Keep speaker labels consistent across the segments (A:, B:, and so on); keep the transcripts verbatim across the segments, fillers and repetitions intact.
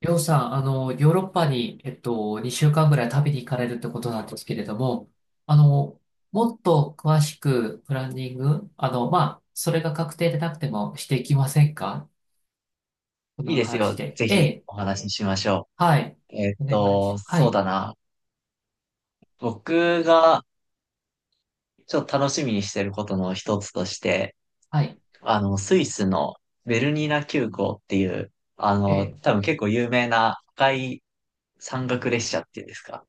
A: りょうさん、あの、ヨーロッパに、えっと、にしゅうかんぐらい旅に行かれるってことなんですけれども、あの、もっと詳しくプランニング、あの、まあ、それが確定でなくてもしていきませんか、こ
B: いい
A: の
B: です
A: 話
B: よ。
A: で。
B: ぜ
A: え
B: ひ
A: え、
B: お話ししましょ
A: はい。
B: う。えーっ
A: お願い
B: と、
A: し、は
B: そう
A: い、
B: だな。僕がちょっと楽しみにしてることの一つとして、
A: はい、
B: あの、スイスのベルニナ急行っていう、あ
A: え
B: の、
A: え、
B: 多分結構有名な赤い山岳列車っていうんですか、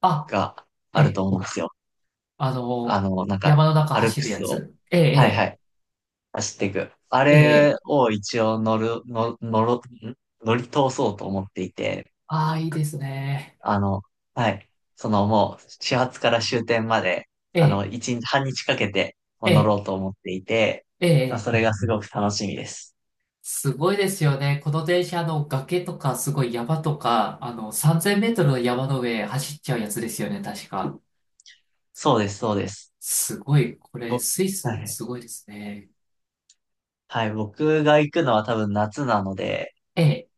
A: あ、
B: が
A: え
B: ある
A: え、
B: と思うんですよ。
A: あ
B: あ
A: の、
B: の、なんか、
A: 山の中
B: アル
A: 走
B: プ
A: るや
B: スを、
A: つ。え
B: はいは
A: え、
B: い、走っていく。あ
A: ええ、え
B: れ
A: え、
B: を一応乗る、の、乗ろ、ん乗り通そうと思っていて、
A: ああ、いいですね。
B: あの、はい。そのもう、始発から終点まで、
A: え
B: あ
A: え、
B: の、一日、半日かけて、
A: え
B: 乗ろ
A: え、
B: うと思っていて、
A: え
B: まあ
A: え、
B: それがすごく楽しみです。
A: すごいですよね。この電車、の、崖とか、すごい山とか、あの、さんぜんメートルの山の上走っちゃうやつですよね、確か。
B: そうです、そうです。
A: すごい、これ、
B: 僕、
A: スイ
B: は
A: ス、
B: い。
A: すごいですね。
B: はい、僕が行くのは多分夏なので、
A: ええ、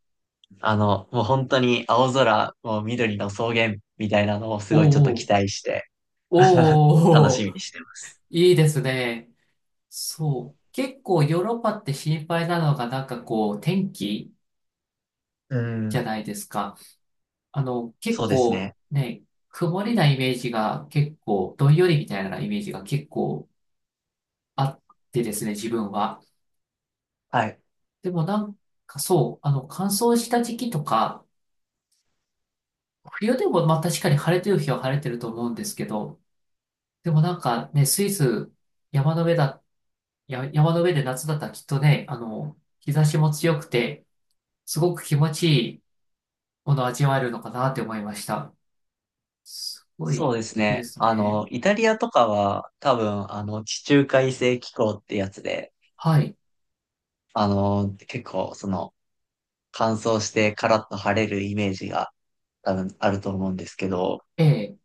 B: あの、もう本当に青空、もう緑の草原みたいなのをすごいちょっと
A: おうお
B: 期
A: う、
B: 待して、楽
A: お
B: し
A: うお
B: み
A: う、
B: にしてます。
A: いいですね。そう。結構ヨーロッパって心配なのが、なんかこう、天気
B: う
A: じゃ
B: ん、
A: ないですか。あの、結
B: そうです
A: 構
B: ね。
A: ね、曇りなイメージが結構、どんよりみたいなイメージが結構あってですね、自分は。
B: はい。
A: でもなんかそう、あの、乾燥した時期とか、冬でもまあ確かに晴れてる日は晴れてると思うんですけど、でもなんかね、スイス、山の上だ、や、山の上で夏だったらきっとね、あの、日差しも強くて、すごく気持ちいいものを味わえるのかなって思いました。すごい
B: そうです
A: いいで
B: ね。
A: す
B: あ
A: ね。
B: の、イタリアとかは多分、あの、地中海性気候ってやつで、
A: はい。
B: あの、結構、その、乾燥してカラッと晴れるイメージが多分あると思うんですけど、
A: ええ。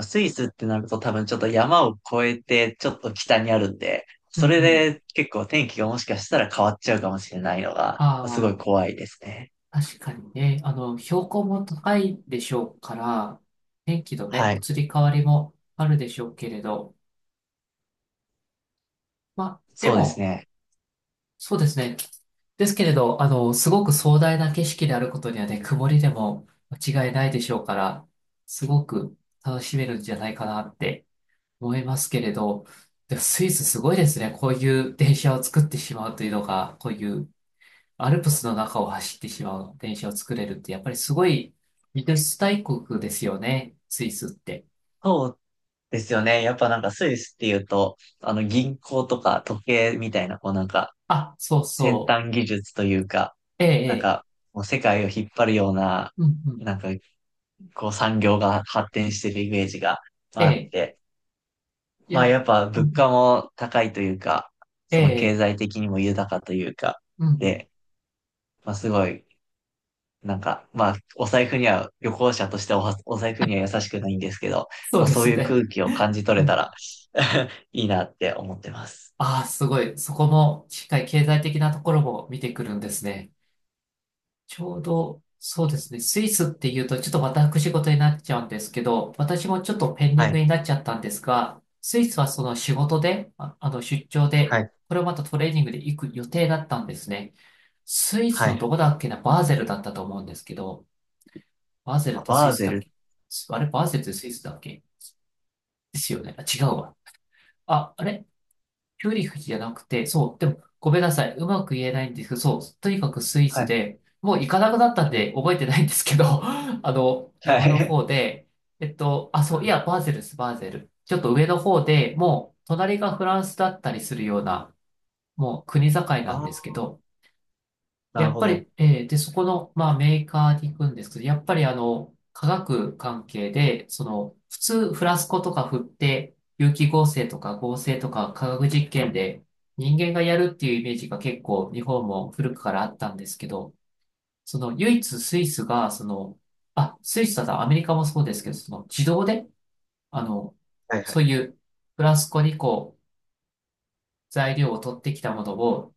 B: スイスってなると多分ちょっと山を越えてちょっと北にあるんで、
A: う
B: そ
A: ん
B: れ
A: うん。
B: で結構天気がもしかしたら変わっちゃうかもしれないのが、すご
A: あ
B: い怖いですね。
A: あ、確かにね、あの、標高も高いでしょうから、天気のね、
B: はい。
A: 移り変わりもあるでしょうけれど、まあ、で
B: そうです
A: も、
B: ね。
A: そうですね。ですけれど、あの、すごく壮大な景色であることにはね、曇りでも間違いないでしょうから、すごく楽しめるんじゃないかなって思いますけれど、でもスイスすごいですね。こういう電車を作ってしまうというのが、こういうアルプスの中を走ってしまう電車を作れるって、やっぱりすごい技術大国ですよね、スイスって。
B: そうですよね。やっぱなんかスイスっていうと、あの銀行とか時計みたいな、こうなんか、
A: あ、そう
B: 先
A: そ
B: 端技術というか、
A: う。ええ、え
B: なん
A: え、
B: か、もう世界を引っ張るような、
A: うんうん、
B: なんか、こう産業が発展してるイメージが
A: え
B: あっ
A: え、
B: て、
A: い
B: まあ
A: や、
B: やっぱ
A: う
B: 物
A: ん、
B: 価も高いというか、
A: え
B: その経
A: え、
B: 済的にも豊かというか、
A: うんうん。
B: で、まあすごい、なんか、まあお財布には、旅行者としてはおお財布には優しくないんですけど、
A: そ
B: ま
A: う
B: あ
A: で
B: そう
A: す
B: いう
A: ね。
B: 空気を感じ取
A: う
B: れた
A: ん。
B: ら いいなって思ってます。
A: ああ、すごい。そこも、しっかり経済的なところも見てくるんですね。ちょうど、そうですね。スイスっていうと、ちょっと私事になっちゃうんですけど、私もちょっとペンデ
B: は
A: ィング
B: い、
A: になっちゃったんですが、スイスはその仕事で、あ、あの、出張
B: は
A: で、
B: い、
A: これをまたトレーニングで行く予定だったんですね。スイス
B: は
A: のど
B: い。
A: こだっけな、バーゼルだったと思うんですけど、バーゼルってス
B: バ
A: イ
B: ー
A: ス
B: ゼ
A: だっ
B: ル。
A: け、あれ、バーゼルってスイスだっけ、ですよね。あ、違うわ。あ、あれピューリフじゃなくて、そう、でも、ごめんなさい。うまく言えないんですけど、そう、とにかくスイ
B: は
A: ス
B: い、
A: で、もう行かなくなったん
B: はい、
A: で覚えてないんですけど、あの、
B: は
A: 山の
B: い。
A: 方で、えっと、あ、
B: う
A: そう、い
B: ん、
A: や、バーゼルです、バーゼル。ちょっと上の方でもう、隣がフランスだったりするような、もう国境
B: あ
A: なん
B: あ、
A: ですけど、で、
B: な
A: や
B: る
A: っ
B: ほ
A: ぱ
B: ど。
A: り、えーで、そこの、まあ、メーカーに行くんですけど、やっぱり、あの、化学関係で、その、普通、フラスコとか振って、有機合成とか合成とか化学実験で人間がやるっていうイメージが結構日本も古くからあったんですけど、その唯一スイスが、その、あ、スイスだ、アメリカもそうですけど、その自動で、あの、
B: はいは
A: そう
B: い。
A: いうフラスコにこう、材料を取ってきたものを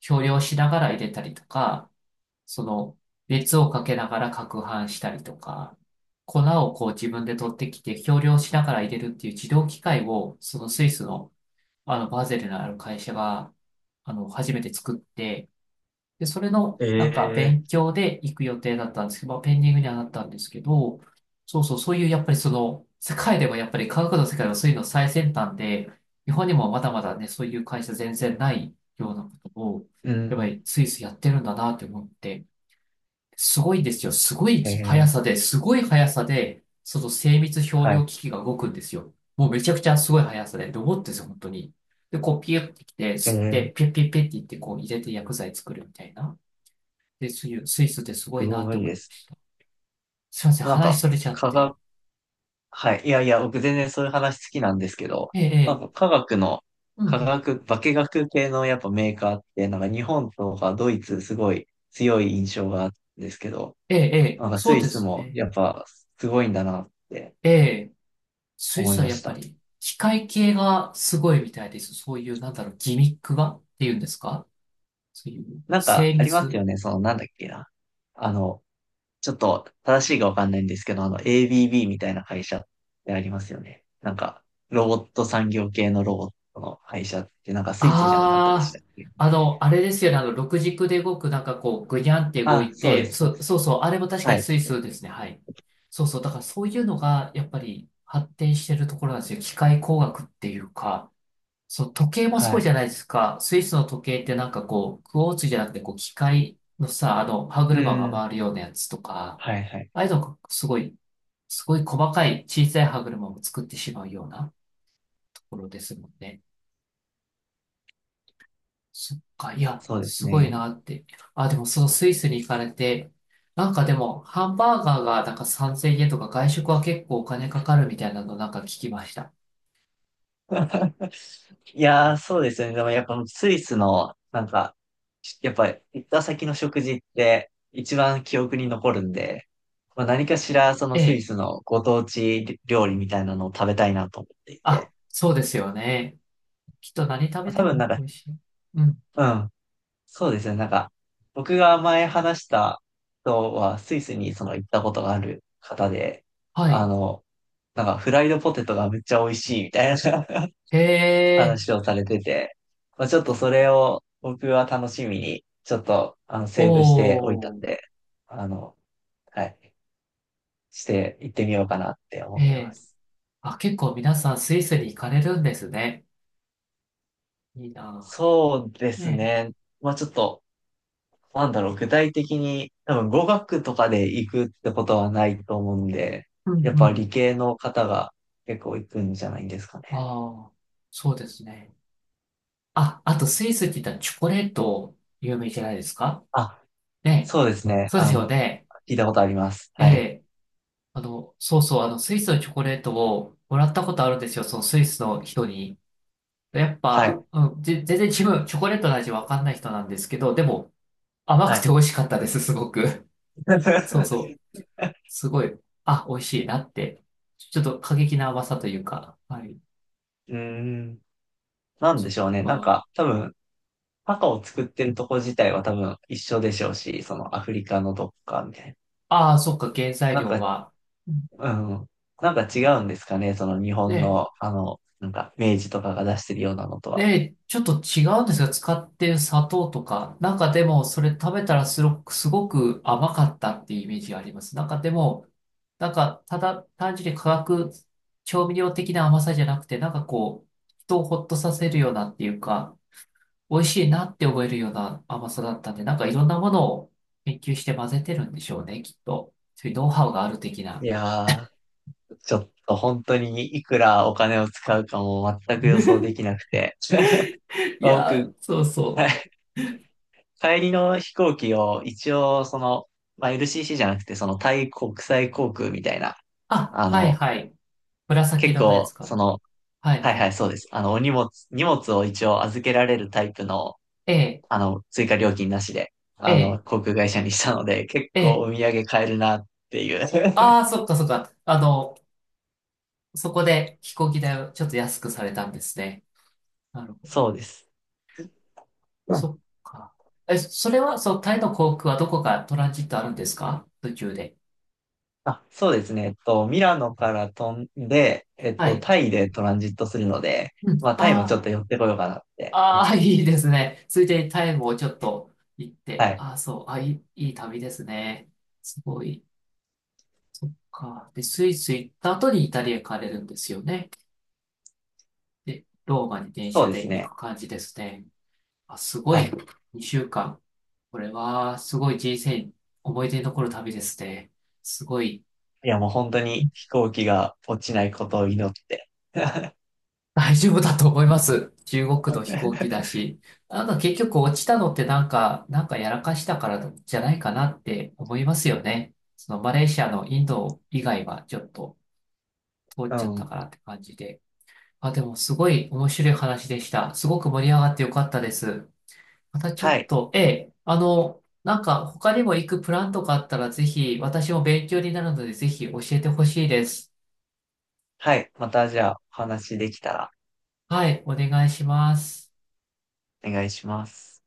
A: 少量しながら入れたりとか、その、熱をかけながら攪拌したりとか、粉をこう自分で取ってきて、計量しながら入れるっていう自動機械を、そのスイスの、あの、バーゼルのある会社が、あの、初めて作って、で、それの、
B: え
A: なんか、
B: え、
A: 勉強で行く予定だったんですけど、まあ、ペンディングにはなったんですけど、そうそう、そういう、やっぱりその、世界でもやっぱり科学の世界のそういうの最先端で、日本にもまだまだね、そういう会社全然ないようなことを、
B: う
A: やっぱ
B: ん。
A: りスイスやってるんだなって思って、すごいですよ。すごい
B: え
A: 速
B: え、
A: さで、すごい速さで、その精密表
B: はい。
A: 量機器が動くんですよ。もうめちゃくちゃすごい速さで、ロボットですよ、本当に。で、こうピュッてきて、
B: え
A: 吸っ
B: え、
A: て、ピュッピュッピュッって言って、こう入れて薬剤作るみたいな。で、そういうスイスってすご
B: す
A: いなっ
B: ご
A: て
B: い
A: 思い
B: で
A: ま
B: す。
A: す。すいません、
B: なん
A: 話
B: か、
A: それちゃっ
B: 科
A: て。
B: 学、はい。いやいや、僕全然そういう話好きなんですけど、
A: ええ、え
B: なん
A: え、
B: か科学の、
A: うんう
B: 科
A: ん。
B: 学、化学系のやっぱメーカーって、なんか日本とかドイツすごい強い印象があるんですけど、
A: ええ、ええ、
B: なんかス
A: そう
B: イ
A: で
B: ス
A: す
B: も
A: ね。
B: やっぱすごいんだなって
A: ええ、スイ
B: 思
A: ス
B: い
A: は
B: ま
A: やっ
B: し
A: ぱ
B: た。
A: り、機械系がすごいみたいです。そういう、なんだろう、ギミックがっていうんですか、そういう
B: なんか
A: 精
B: あります
A: 密。
B: よね、そのなんだっけな。あの、ちょっと正しいかわかんないんですけど、あの エービービー みたいな会社ってありますよね。なんか、ロボット産業系のロボットの会社って、なんかスイスじゃなかったでし
A: あ
B: たっけ？
A: あ、あの、あれですよね。あの、六軸で動く、なんかこう、ぐにゃんって動
B: あ、
A: い
B: そうで
A: て、
B: す、そ
A: そ
B: うで
A: う、
B: す。
A: そうそう、あれも確か
B: は
A: に
B: い。
A: スイスですね。はい。そうそう、だからそういうのが、やっぱり発展してるところなんですよ。機械工学っていうか、そう、時計も
B: は
A: そう
B: い。
A: じゃないですか。スイスの時計ってなんかこう、クォーツじゃなくて、こう、機械のさ、あの、歯
B: う
A: 車が
B: ん。
A: 回るようなやつとか、
B: はいはい。
A: ああいうのがすごい、すごい細かい小さい歯車も作ってしまうようなところですもんね。そっか、いや、
B: そうです
A: すごい
B: ね。
A: なって。あ、でもそのスイスに行かれて、なんかでも、ハンバーガーがなんかさんぜんえんとか外食は結構お金かかるみたいなのなんか聞きました。
B: いやー、そうですよね。でもやっぱスイスの、なんか、やっぱ行った先の食事って一番記憶に残るんで、まあ、何かしらそ
A: え
B: のスイ
A: え。
B: スのご当地料理みたいなのを食べたいなと思ってい
A: あ、
B: て。
A: そうですよね。きっと何食べて
B: 多分なん
A: も
B: か、
A: 美味しい。うん。
B: うん、そうですね。なんか、僕が前話した人は、スイスにその行ったことがある方で、
A: は
B: あ
A: い。
B: の、なんかフライドポテトがめっちゃ美味しいみたいな
A: へ え、
B: 話をされてて、まあ、ちょっとそれを僕は楽しみに、ちょっと、あの、
A: お
B: セーブしておいたん
A: ー、
B: で、あの、はい、して行ってみようかなって思
A: え
B: ってま
A: え。
B: す。
A: あ、結構皆さんスイスに行かれるんですね。いいな
B: そうで
A: ぁ。
B: す
A: ねえ。
B: ね。まあちょっと、なんだろう、具体的に、多分語学とかで行くってことはないと思うんで、
A: うん
B: やっ
A: う
B: ぱ
A: ん。
B: 理系の方が結構行くんじゃないんですかね。
A: ああ、そうですね。あ、あとスイスって言ったらチョコレート有名じゃないですか、
B: あ、
A: ね、
B: そうですね。
A: そうで
B: あ
A: すよ
B: の、
A: ね。
B: 聞いたことあります。
A: え
B: はい。
A: え、あの、そうそう、あの、スイスのチョコレートをもらったことあるんですよ、そのスイスの人に。やっ
B: はい。
A: ぱ、うん、ぜ、全然自分、チョコレートの味わかんない人なんですけど、でも、甘く
B: は
A: て
B: い。
A: 美味しかったです、すごく。そうそう、すごい、あ、美味しいなって。ちょっと過激な甘さというか、はい。
B: うーん。なんでしょうね。なんか、多分、パカを作ってるとこ自体は多分一緒でしょうし、そのアフリカのどっかみたい
A: ああ、そっか、原材
B: な。なん
A: 料
B: か、
A: は。うん
B: うん。なんか違うんですかね。その日本
A: ね、
B: の、あの、なんか、明治とかが出してるようなのとは。
A: で、ちょっと違うんですが、使ってる砂糖とか、なんかでも、それ食べたらすごく、すごく甘かったっていうイメージがあります。なんかでも、なんか、ただ、単純に化学調味料的な甘さじゃなくて、なんかこう、人をほっとさせるようなっていうか、美味しいなって思えるような甘さだったんで、なんかいろんなものを研究して混ぜてるんでしょうね、きっと。そういうノウハウがある的
B: い
A: な。
B: やー、ちょっと本当にいくらお金を使うかも全く予想 できなくて。
A: い
B: まあ
A: や
B: 僕、
A: ー、そうそ
B: は
A: う。
B: い、帰りの飛行機を一応その、まあ、エルシーシー じゃなくてそのタイ国際航空みたいな、
A: あ、
B: あ
A: はい
B: の、
A: はい。紫
B: 結
A: 色のやつ
B: 構
A: か
B: そ
A: な。
B: の、
A: はい
B: はい
A: は
B: は
A: い。
B: い、そうです。あの、お荷物、荷物を一応預けられるタイプの、
A: ええ
B: あの、追加料金なしで、
A: え
B: あの、
A: え、
B: 航空会社にしたので、結
A: え
B: 構
A: え。
B: お土産買えるなっていう。
A: ああ、そっかそっか。あの、そこで飛行機代をちょっと安くされたんですね。なる ほど。
B: そうです。
A: そっか。え、それは、そう、タイの航空はどこかトランジットあるんですか、途中で。
B: あ、そうですね。えっと、ミラノから飛んで、えっ
A: は
B: と、
A: い。
B: タイでトランジットするので、
A: うん。
B: まあ、タイもちょっ
A: あ
B: と寄ってこようかなって思
A: あ、あ
B: っ
A: あ、
B: て。
A: いいですね。ついでにタイもちょっと行っ
B: は
A: て。
B: い。
A: ああ、そう。あ、いい、いい旅ですね。すごい。か。で、スイス行った後にイタリア行かれるんですよね。で、ローマに電
B: そ
A: 車
B: うで
A: で
B: す
A: 行
B: ね。
A: く感じですね。あ、すご
B: は
A: い。
B: い。
A: にしゅうかん。これは、すごい人生、思い出に残る旅ですね。すごい、
B: いや、もう本当に飛行機が落ちないことを祈って。
A: 大丈夫だと思います。中国の飛行機だし。なんか結局落ちたのってなんか、なんかやらかしたからじゃないかなって思いますよね。そのマレーシアのインド以外はちょっと通っ
B: う
A: ちゃった
B: ん。
A: からって感じで。あ、でもすごい面白い話でした。すごく盛り上がってよかったです。またちょ
B: は
A: っ
B: い。
A: と、ええ、あの、なんか他にも行くプランとかあったらぜひ、私も勉強になるのでぜひ教えてほしいです。
B: はい。またじゃあ、お話できたら
A: はい、お願いします。
B: お願いします。